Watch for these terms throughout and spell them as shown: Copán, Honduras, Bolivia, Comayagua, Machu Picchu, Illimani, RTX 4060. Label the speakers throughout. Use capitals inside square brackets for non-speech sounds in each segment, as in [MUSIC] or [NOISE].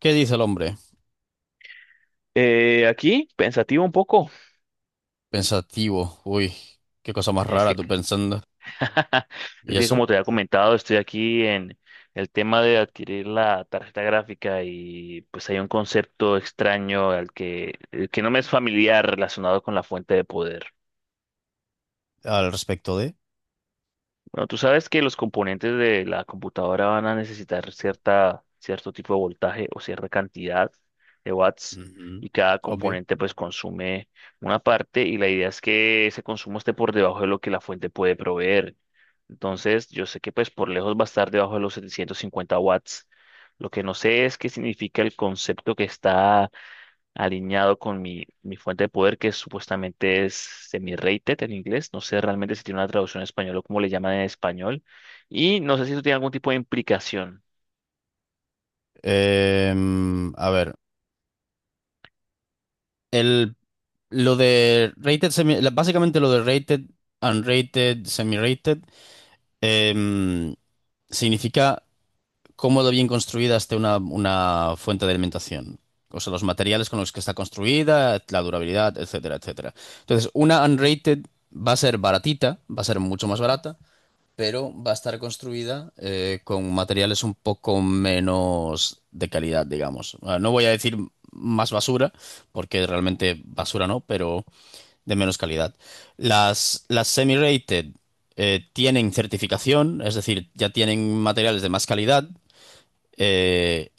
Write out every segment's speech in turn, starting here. Speaker 1: ¿Qué dice el hombre?
Speaker 2: Aquí, pensativo un poco.
Speaker 1: Pensativo. Uy, qué cosa más
Speaker 2: Es
Speaker 1: rara
Speaker 2: que,
Speaker 1: tú pensando.
Speaker 2: [LAUGHS] es
Speaker 1: ¿Y
Speaker 2: que
Speaker 1: eso?
Speaker 2: como te había comentado, estoy aquí en el tema de adquirir la tarjeta gráfica y pues hay un concepto extraño al que, el que no me es familiar relacionado con la fuente de poder.
Speaker 1: Al respecto de...
Speaker 2: Bueno, tú sabes que los componentes de la computadora van a necesitar cierta, cierto tipo de voltaje o cierta cantidad de watts
Speaker 1: Ujú,
Speaker 2: y cada
Speaker 1: Obvio.
Speaker 2: componente pues consume una parte y la idea es que ese consumo esté por debajo de lo que la fuente puede proveer. Entonces, yo sé que pues por lejos va a estar debajo de los 750 watts. Lo que no sé es qué significa el concepto que está alineado con mi fuente de poder, que supuestamente es semi-rated en inglés. No sé realmente si tiene una traducción en español o cómo le llaman en español. Y no sé si eso tiene algún tipo de implicación
Speaker 1: A ver, el, lo de rated, básicamente lo de rated, unrated, semi-rated, em, significa cómo de bien construida esté una fuente de alimentación. O sea, los materiales con los que está construida, la durabilidad, etcétera, etcétera. Entonces, una unrated va a ser baratita, va a ser mucho más barata, pero va a estar construida con materiales un poco menos de calidad, digamos. Ah, no voy a decir más basura, porque realmente basura no, pero de menos calidad. Las semi-rated tienen certificación, es decir, ya tienen materiales de más calidad. eh,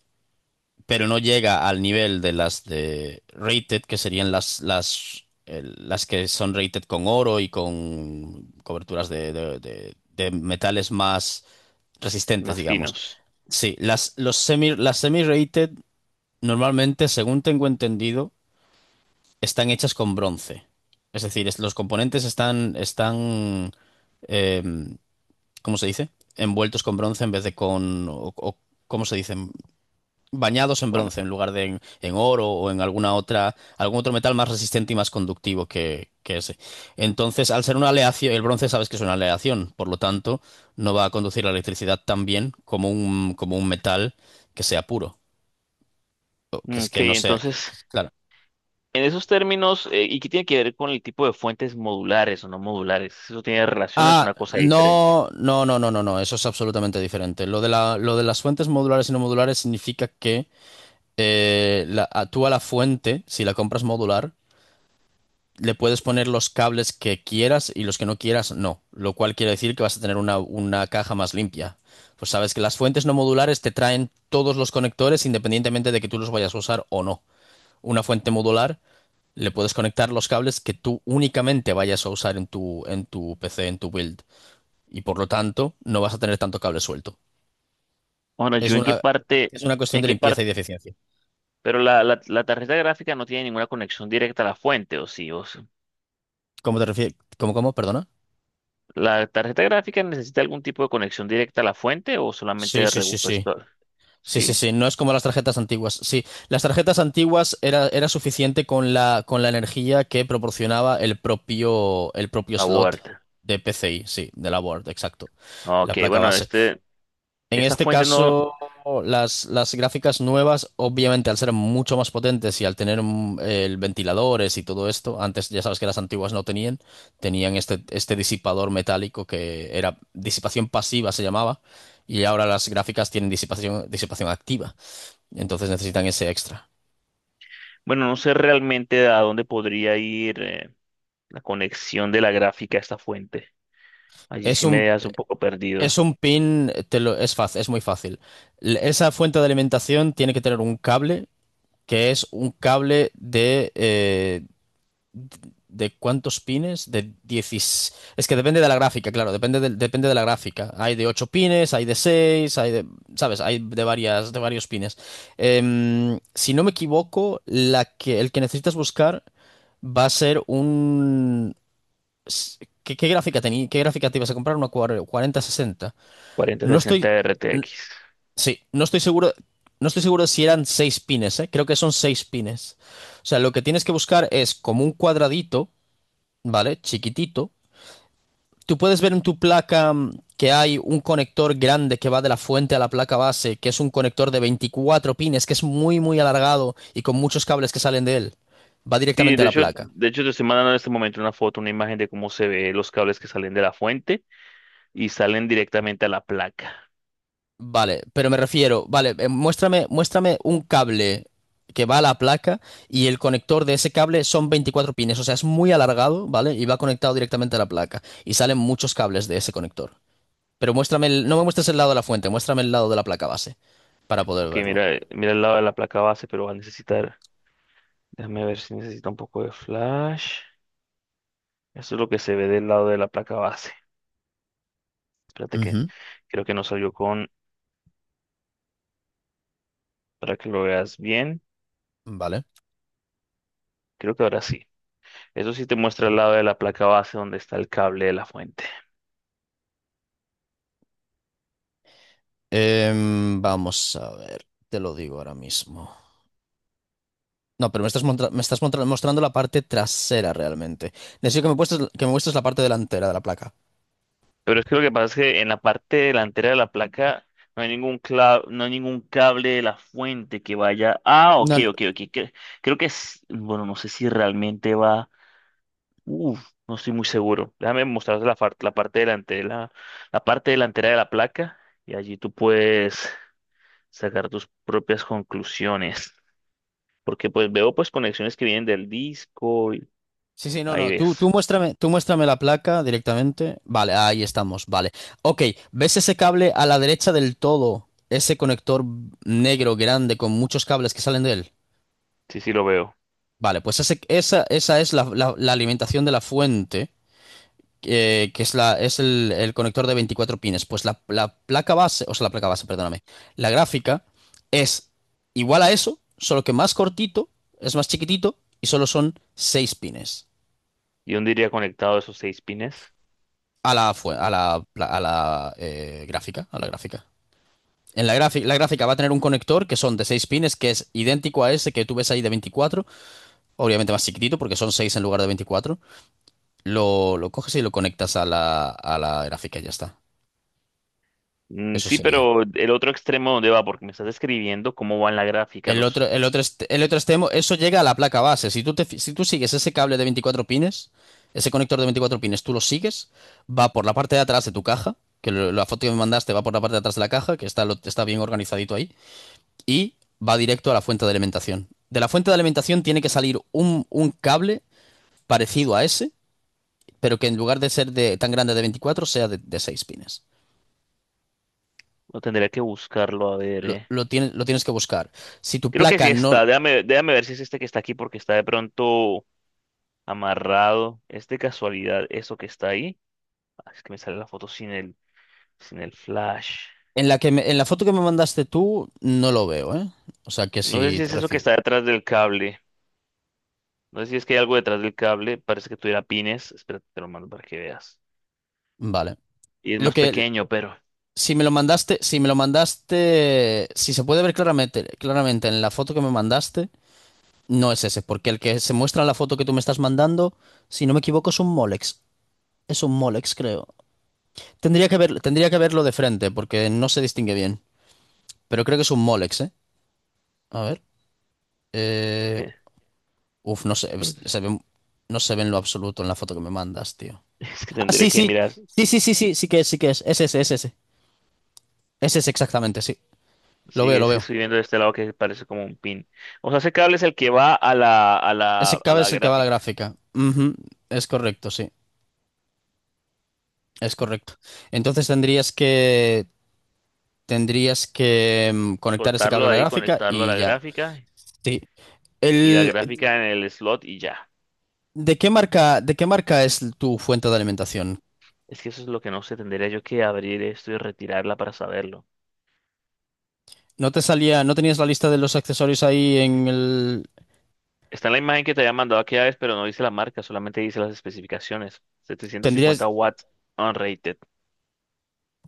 Speaker 1: pero no llega al nivel de las de rated, que serían las que son rated con oro y con coberturas de metales más resistentes,
Speaker 2: más
Speaker 1: digamos.
Speaker 2: finos.
Speaker 1: Sí, las semi-rated normalmente, según tengo entendido, están hechas con bronce. Es decir, los componentes están em, ¿cómo se dice? Envueltos con bronce en vez de con... ¿cómo se dice? Bañados en
Speaker 2: Bueno,
Speaker 1: bronce en lugar de en oro o en algún otro metal más resistente y más conductivo que ese. Entonces, al ser una aleación, el bronce sabes que es una aleación, por lo tanto, no va a conducir la electricidad tan bien como como un metal que sea puro, o que es
Speaker 2: ok,
Speaker 1: que no sea,
Speaker 2: entonces,
Speaker 1: claro.
Speaker 2: en esos términos, ¿y qué tiene que ver con el tipo de fuentes modulares o no modulares? ¿Eso tiene relación o es
Speaker 1: Ah,
Speaker 2: una cosa diferente?
Speaker 1: no, eso es absolutamente diferente. Lo de lo de las fuentes modulares y no modulares significa que tú a la fuente, si la compras modular, le puedes poner los cables que quieras y los que no quieras no, lo cual quiere decir que vas a tener una caja más limpia. Pues sabes que las fuentes no modulares te traen todos los conectores independientemente de que tú los vayas a usar o no. Una fuente modular le puedes conectar los cables que tú únicamente vayas a usar en tu PC, en tu build, y por lo tanto no vas a tener tanto cable suelto.
Speaker 2: Bueno,
Speaker 1: Es
Speaker 2: yo en qué
Speaker 1: una,
Speaker 2: parte...
Speaker 1: es una cuestión
Speaker 2: ¿En
Speaker 1: de
Speaker 2: qué
Speaker 1: limpieza
Speaker 2: parte?
Speaker 1: y de eficiencia.
Speaker 2: Pero la tarjeta gráfica no tiene ninguna conexión directa a la fuente, ¿o sí? ¿O,
Speaker 1: ¿Cómo te refieres? ¿Cómo, cómo? Perdona.
Speaker 2: ¿la tarjeta gráfica necesita algún tipo de conexión directa a la fuente o solamente
Speaker 1: Sí,
Speaker 2: de
Speaker 1: sí, sí, sí.
Speaker 2: repuestor?
Speaker 1: Sí, sí,
Speaker 2: ¿Sí?
Speaker 1: sí, no es como las tarjetas antiguas. Sí, las tarjetas antiguas era suficiente con con la energía que proporcionaba el propio slot
Speaker 2: Aborta.
Speaker 1: de PCI, sí, de la board, exacto, la
Speaker 2: Ok,
Speaker 1: placa
Speaker 2: bueno,
Speaker 1: base.
Speaker 2: este,
Speaker 1: En
Speaker 2: esta
Speaker 1: este
Speaker 2: fuente no,
Speaker 1: caso, las gráficas nuevas, obviamente, al ser mucho más potentes y al tener el ventiladores y todo esto, antes ya sabes que las antiguas no tenían, tenían este disipador metálico que era disipación pasiva, se llamaba, y ahora las gráficas tienen disipación activa. Entonces necesitan ese extra.
Speaker 2: bueno, no sé realmente a dónde podría ir la conexión de la gráfica a esta fuente. Allí
Speaker 1: Es
Speaker 2: sí me
Speaker 1: un,
Speaker 2: dejas un poco perdido.
Speaker 1: es un pin, es fácil, es muy fácil. L- Esa fuente de alimentación tiene que tener un cable, que es un cable de... ¿De cuántos pines? De 16. Es que depende de la gráfica, claro, depende de la gráfica. Hay de 8 pines, hay de 6 hay de, ¿sabes? Hay de varias, de varios pines. Em, si no me equivoco, el que necesitas buscar va a ser un s- ¿Qué, qué gráfica te ibas a comprar? Una 4060. No
Speaker 2: 4060
Speaker 1: estoy,
Speaker 2: RTX.
Speaker 1: sí, no estoy seguro, no estoy seguro de si eran seis pines, ¿eh? Creo que son seis pines. O sea, lo que tienes que buscar es como un cuadradito, ¿vale? Chiquitito. Tú puedes ver en tu placa que hay un conector grande que va de la fuente a la placa base, que es un conector de 24 pines, que es muy, muy alargado y con muchos cables que salen de él. Va
Speaker 2: Sí,
Speaker 1: directamente a la placa.
Speaker 2: de hecho te estoy mandando en este momento una foto, una imagen de cómo se ve los cables que salen de la fuente y salen directamente a la placa.
Speaker 1: Vale, pero me refiero, vale, muéstrame, muéstrame un cable que va a la placa y el conector de ese cable son 24 pines, o sea, es muy alargado, ¿vale? Y va conectado directamente a la placa y salen muchos cables de ese conector. Pero muéstrame el- no me muestres el lado de la fuente, muéstrame el lado de la placa base para poder
Speaker 2: Ok,
Speaker 1: verlo.
Speaker 2: mira, mira el lado de la placa base, pero va a necesitar déjame ver si necesita un poco de flash. Eso es lo que se ve del lado de la placa base. Espérate que
Speaker 1: Ujú.
Speaker 2: creo que no salió con para que lo veas bien.
Speaker 1: ¿Vale?
Speaker 2: Creo que ahora sí. Eso sí te muestra el lado de la placa base donde está el cable de la fuente.
Speaker 1: Vamos a ver, te lo digo ahora mismo. No, pero me estás, mostrando la parte trasera realmente. Necesito que me muestres la parte delantera de la placa.
Speaker 2: Pero es que lo que pasa es que en la parte delantera de la placa no hay no hay ningún cable de la fuente que vaya. Ah, ok,
Speaker 1: No,
Speaker 2: ok, ok. Creo que es, bueno, no sé si realmente va. Uf, no estoy muy seguro. Déjame mostrarte la parte delantera, la parte delantera de la placa y allí tú puedes sacar tus propias conclusiones. Porque pues veo pues conexiones que vienen del disco y
Speaker 1: sí, sí, no,
Speaker 2: ahí
Speaker 1: no. Tú
Speaker 2: ves.
Speaker 1: muéstrame, tú muéstrame la placa directamente. Vale, ahí estamos, vale. Ok, ¿ves ese cable a la derecha del todo? Ese conector negro grande con muchos cables que salen de él.
Speaker 2: Sí, sí lo veo.
Speaker 1: Vale, pues esa es la alimentación de la fuente, que es, es el conector de 24 pines. Pues la placa base, o sea, la placa base, perdóname. La gráfica es igual a eso, solo que más cortito, es más chiquitito y solo son 6 pines.
Speaker 2: ¿Y dónde iría conectado esos 6 pines?
Speaker 1: A la, gráfica, a la gráfica. En la gráfica va a tener un conector que son de 6 pines, que es idéntico a ese que tú ves ahí de veinticuatro, obviamente más chiquitito porque son 6 en lugar de veinticuatro. Lo coges y lo conectas a a la gráfica y ya está.
Speaker 2: Mm,
Speaker 1: Eso
Speaker 2: sí,
Speaker 1: sería.
Speaker 2: pero el otro extremo dónde va, porque me estás describiendo cómo va en la gráfica los.
Speaker 1: El otro extremo, eso llega a la placa base. Si tú si tú sigues ese cable de 24 pines, ese conector de 24 pines, tú lo sigues, va por la parte de atrás de tu caja, que la foto que me mandaste va por la parte de atrás de la caja, que está, lo- está bien organizadito ahí. Y va directo a la fuente de alimentación. De la fuente de alimentación tiene que salir un cable parecido a ese, pero que en lugar de ser de, tan grande de 24 sea de 6 pines.
Speaker 2: No tendría que buscarlo a ver, eh.
Speaker 1: Lo tienes que buscar. Si tu
Speaker 2: Creo que
Speaker 1: placa
Speaker 2: sí
Speaker 1: no...
Speaker 2: está. Déjame, déjame ver si es este que está aquí porque está de pronto amarrado. ¿Es de casualidad eso que está ahí? Ah, es que me sale la foto sin el flash.
Speaker 1: En la en la foto que me mandaste tú, no lo veo, ¿eh? O sea que
Speaker 2: No sé
Speaker 1: si
Speaker 2: si
Speaker 1: te
Speaker 2: es eso que
Speaker 1: refieres...
Speaker 2: está detrás del cable. No sé si es que hay algo detrás del cable. Parece que tuviera pines. Espérate, te lo mando para que veas.
Speaker 1: Vale.
Speaker 2: Y es
Speaker 1: Lo
Speaker 2: más
Speaker 1: que...
Speaker 2: pequeño, pero...
Speaker 1: Si me lo mandaste, si me lo mandaste, si se puede ver claramente, claramente en la foto que me mandaste, no es ese, porque el que se muestra en la foto que tú me estás mandando, si no me equivoco, es un Molex. Es un Molex, creo. Tendría que ver, tendría que verlo de frente porque no se distingue bien. Pero creo que es un Molex, ¿eh? A ver. Eh,
Speaker 2: [LAUGHS]
Speaker 1: uf, no se,
Speaker 2: pero
Speaker 1: se ve, no se ve en lo absoluto en la foto que me mandas, tío.
Speaker 2: es que
Speaker 1: Ah,
Speaker 2: tendría
Speaker 1: sí,
Speaker 2: que
Speaker 1: sí.
Speaker 2: mirar.
Speaker 1: Sí, sí, sí, sí, sí que es, sí que es. Es ese, es ese. Es ese exactamente, sí. Lo
Speaker 2: Sí,
Speaker 1: veo, lo
Speaker 2: es que
Speaker 1: veo.
Speaker 2: estoy viendo de este lado que parece como un pin. O sea, ese cable es el que va a la, a la,
Speaker 1: Ese
Speaker 2: a
Speaker 1: cabe
Speaker 2: la
Speaker 1: es el que va a la
Speaker 2: gráfica.
Speaker 1: gráfica. Ujú, es correcto, sí. Es correcto. Entonces tendrías que. Tendrías que conectar ese cable
Speaker 2: Soltarlo
Speaker 1: a la
Speaker 2: ahí,
Speaker 1: gráfica
Speaker 2: conectarlo a
Speaker 1: y
Speaker 2: la
Speaker 1: ya.
Speaker 2: gráfica
Speaker 1: Sí.
Speaker 2: y la
Speaker 1: El,
Speaker 2: gráfica en el slot y ya.
Speaker 1: ¿de qué marca, de qué marca es tu fuente de alimentación?
Speaker 2: Es que eso es lo que no sé, tendría yo que abrir esto y retirarla para saberlo.
Speaker 1: ¿No te salía, no tenías la lista de los accesorios ahí en el...
Speaker 2: Está en la imagen que te había mandado aquella vez, pero no dice la marca, solamente dice las especificaciones. 750
Speaker 1: Tendrías
Speaker 2: watts unrated.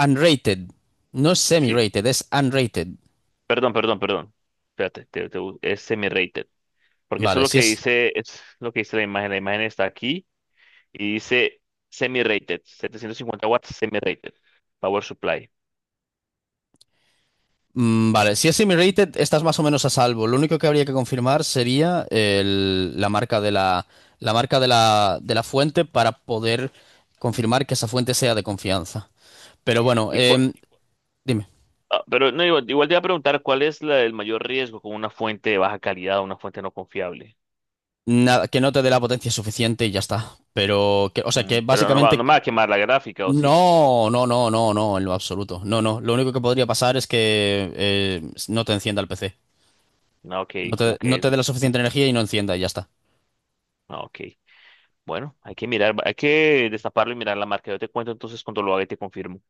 Speaker 1: unrated. No es
Speaker 2: Sí.
Speaker 1: semi-rated, es unrated.
Speaker 2: Perdón, perdón, perdón. Espérate, es semi-rated. Porque eso es
Speaker 1: Vale,
Speaker 2: lo
Speaker 1: si
Speaker 2: que
Speaker 1: es...
Speaker 2: dice, es lo que dice la imagen. La imagen está aquí y dice semi-rated. 750 watts semi-rated. Power supply.
Speaker 1: mm, vale, si es semi-rated, estás más o menos a salvo. Lo único que habría que confirmar sería la marca de la marca de de la fuente para poder confirmar que esa fuente sea de confianza. Pero bueno,
Speaker 2: Y cua-
Speaker 1: em, dime.
Speaker 2: pero no, igual, igual te iba a preguntar cuál es el mayor riesgo con una fuente de baja calidad o una fuente no confiable.
Speaker 1: Nada, que no te dé la potencia suficiente y ya está. Pero, que, o sea, que
Speaker 2: Mm, pero no va,
Speaker 1: básicamente
Speaker 2: no me va a quemar la gráfica, ¿o sí?
Speaker 1: no, en lo absoluto. No, no. Lo único que podría pasar es que no te encienda el PC.
Speaker 2: No, ok, como
Speaker 1: No
Speaker 2: que
Speaker 1: te dé la suficiente energía y no encienda y ya está.
Speaker 2: no, ok. Bueno, hay que mirar, hay que destaparlo y mirar la marca. Yo te cuento entonces cuando lo haga y te confirmo.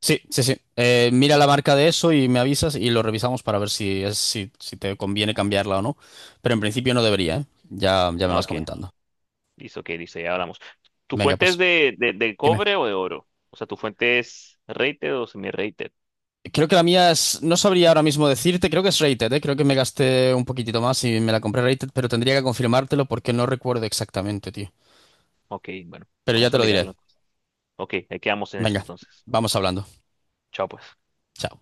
Speaker 1: Sí, sí, sí. Mira la marca de eso y me avisas y lo revisamos para ver si es, si, si te conviene cambiarla o no. Pero en principio no debería, ¿eh? Ya, ya me
Speaker 2: Ah,
Speaker 1: vas
Speaker 2: ok. Claro.
Speaker 1: comentando.
Speaker 2: Listo, ok, listo, ya hablamos. ¿Tu
Speaker 1: Venga,
Speaker 2: fuente es
Speaker 1: pues,
Speaker 2: de
Speaker 1: dime.
Speaker 2: cobre o de oro? O sea, ¿tu fuente es rated o semi-rated?
Speaker 1: Creo que la mía es, no sabría ahora mismo decirte, creo que es rated, ¿eh? Creo que me gasté un poquitito más y me la compré rated, pero tendría que confirmártelo porque no recuerdo exactamente, tío.
Speaker 2: Ok, bueno,
Speaker 1: Pero ya
Speaker 2: vamos
Speaker 1: te
Speaker 2: a
Speaker 1: lo diré.
Speaker 2: mirarlo entonces. Ok, ahí quedamos en eso
Speaker 1: Venga,
Speaker 2: entonces.
Speaker 1: vamos hablando.
Speaker 2: Chao, pues.
Speaker 1: Chao.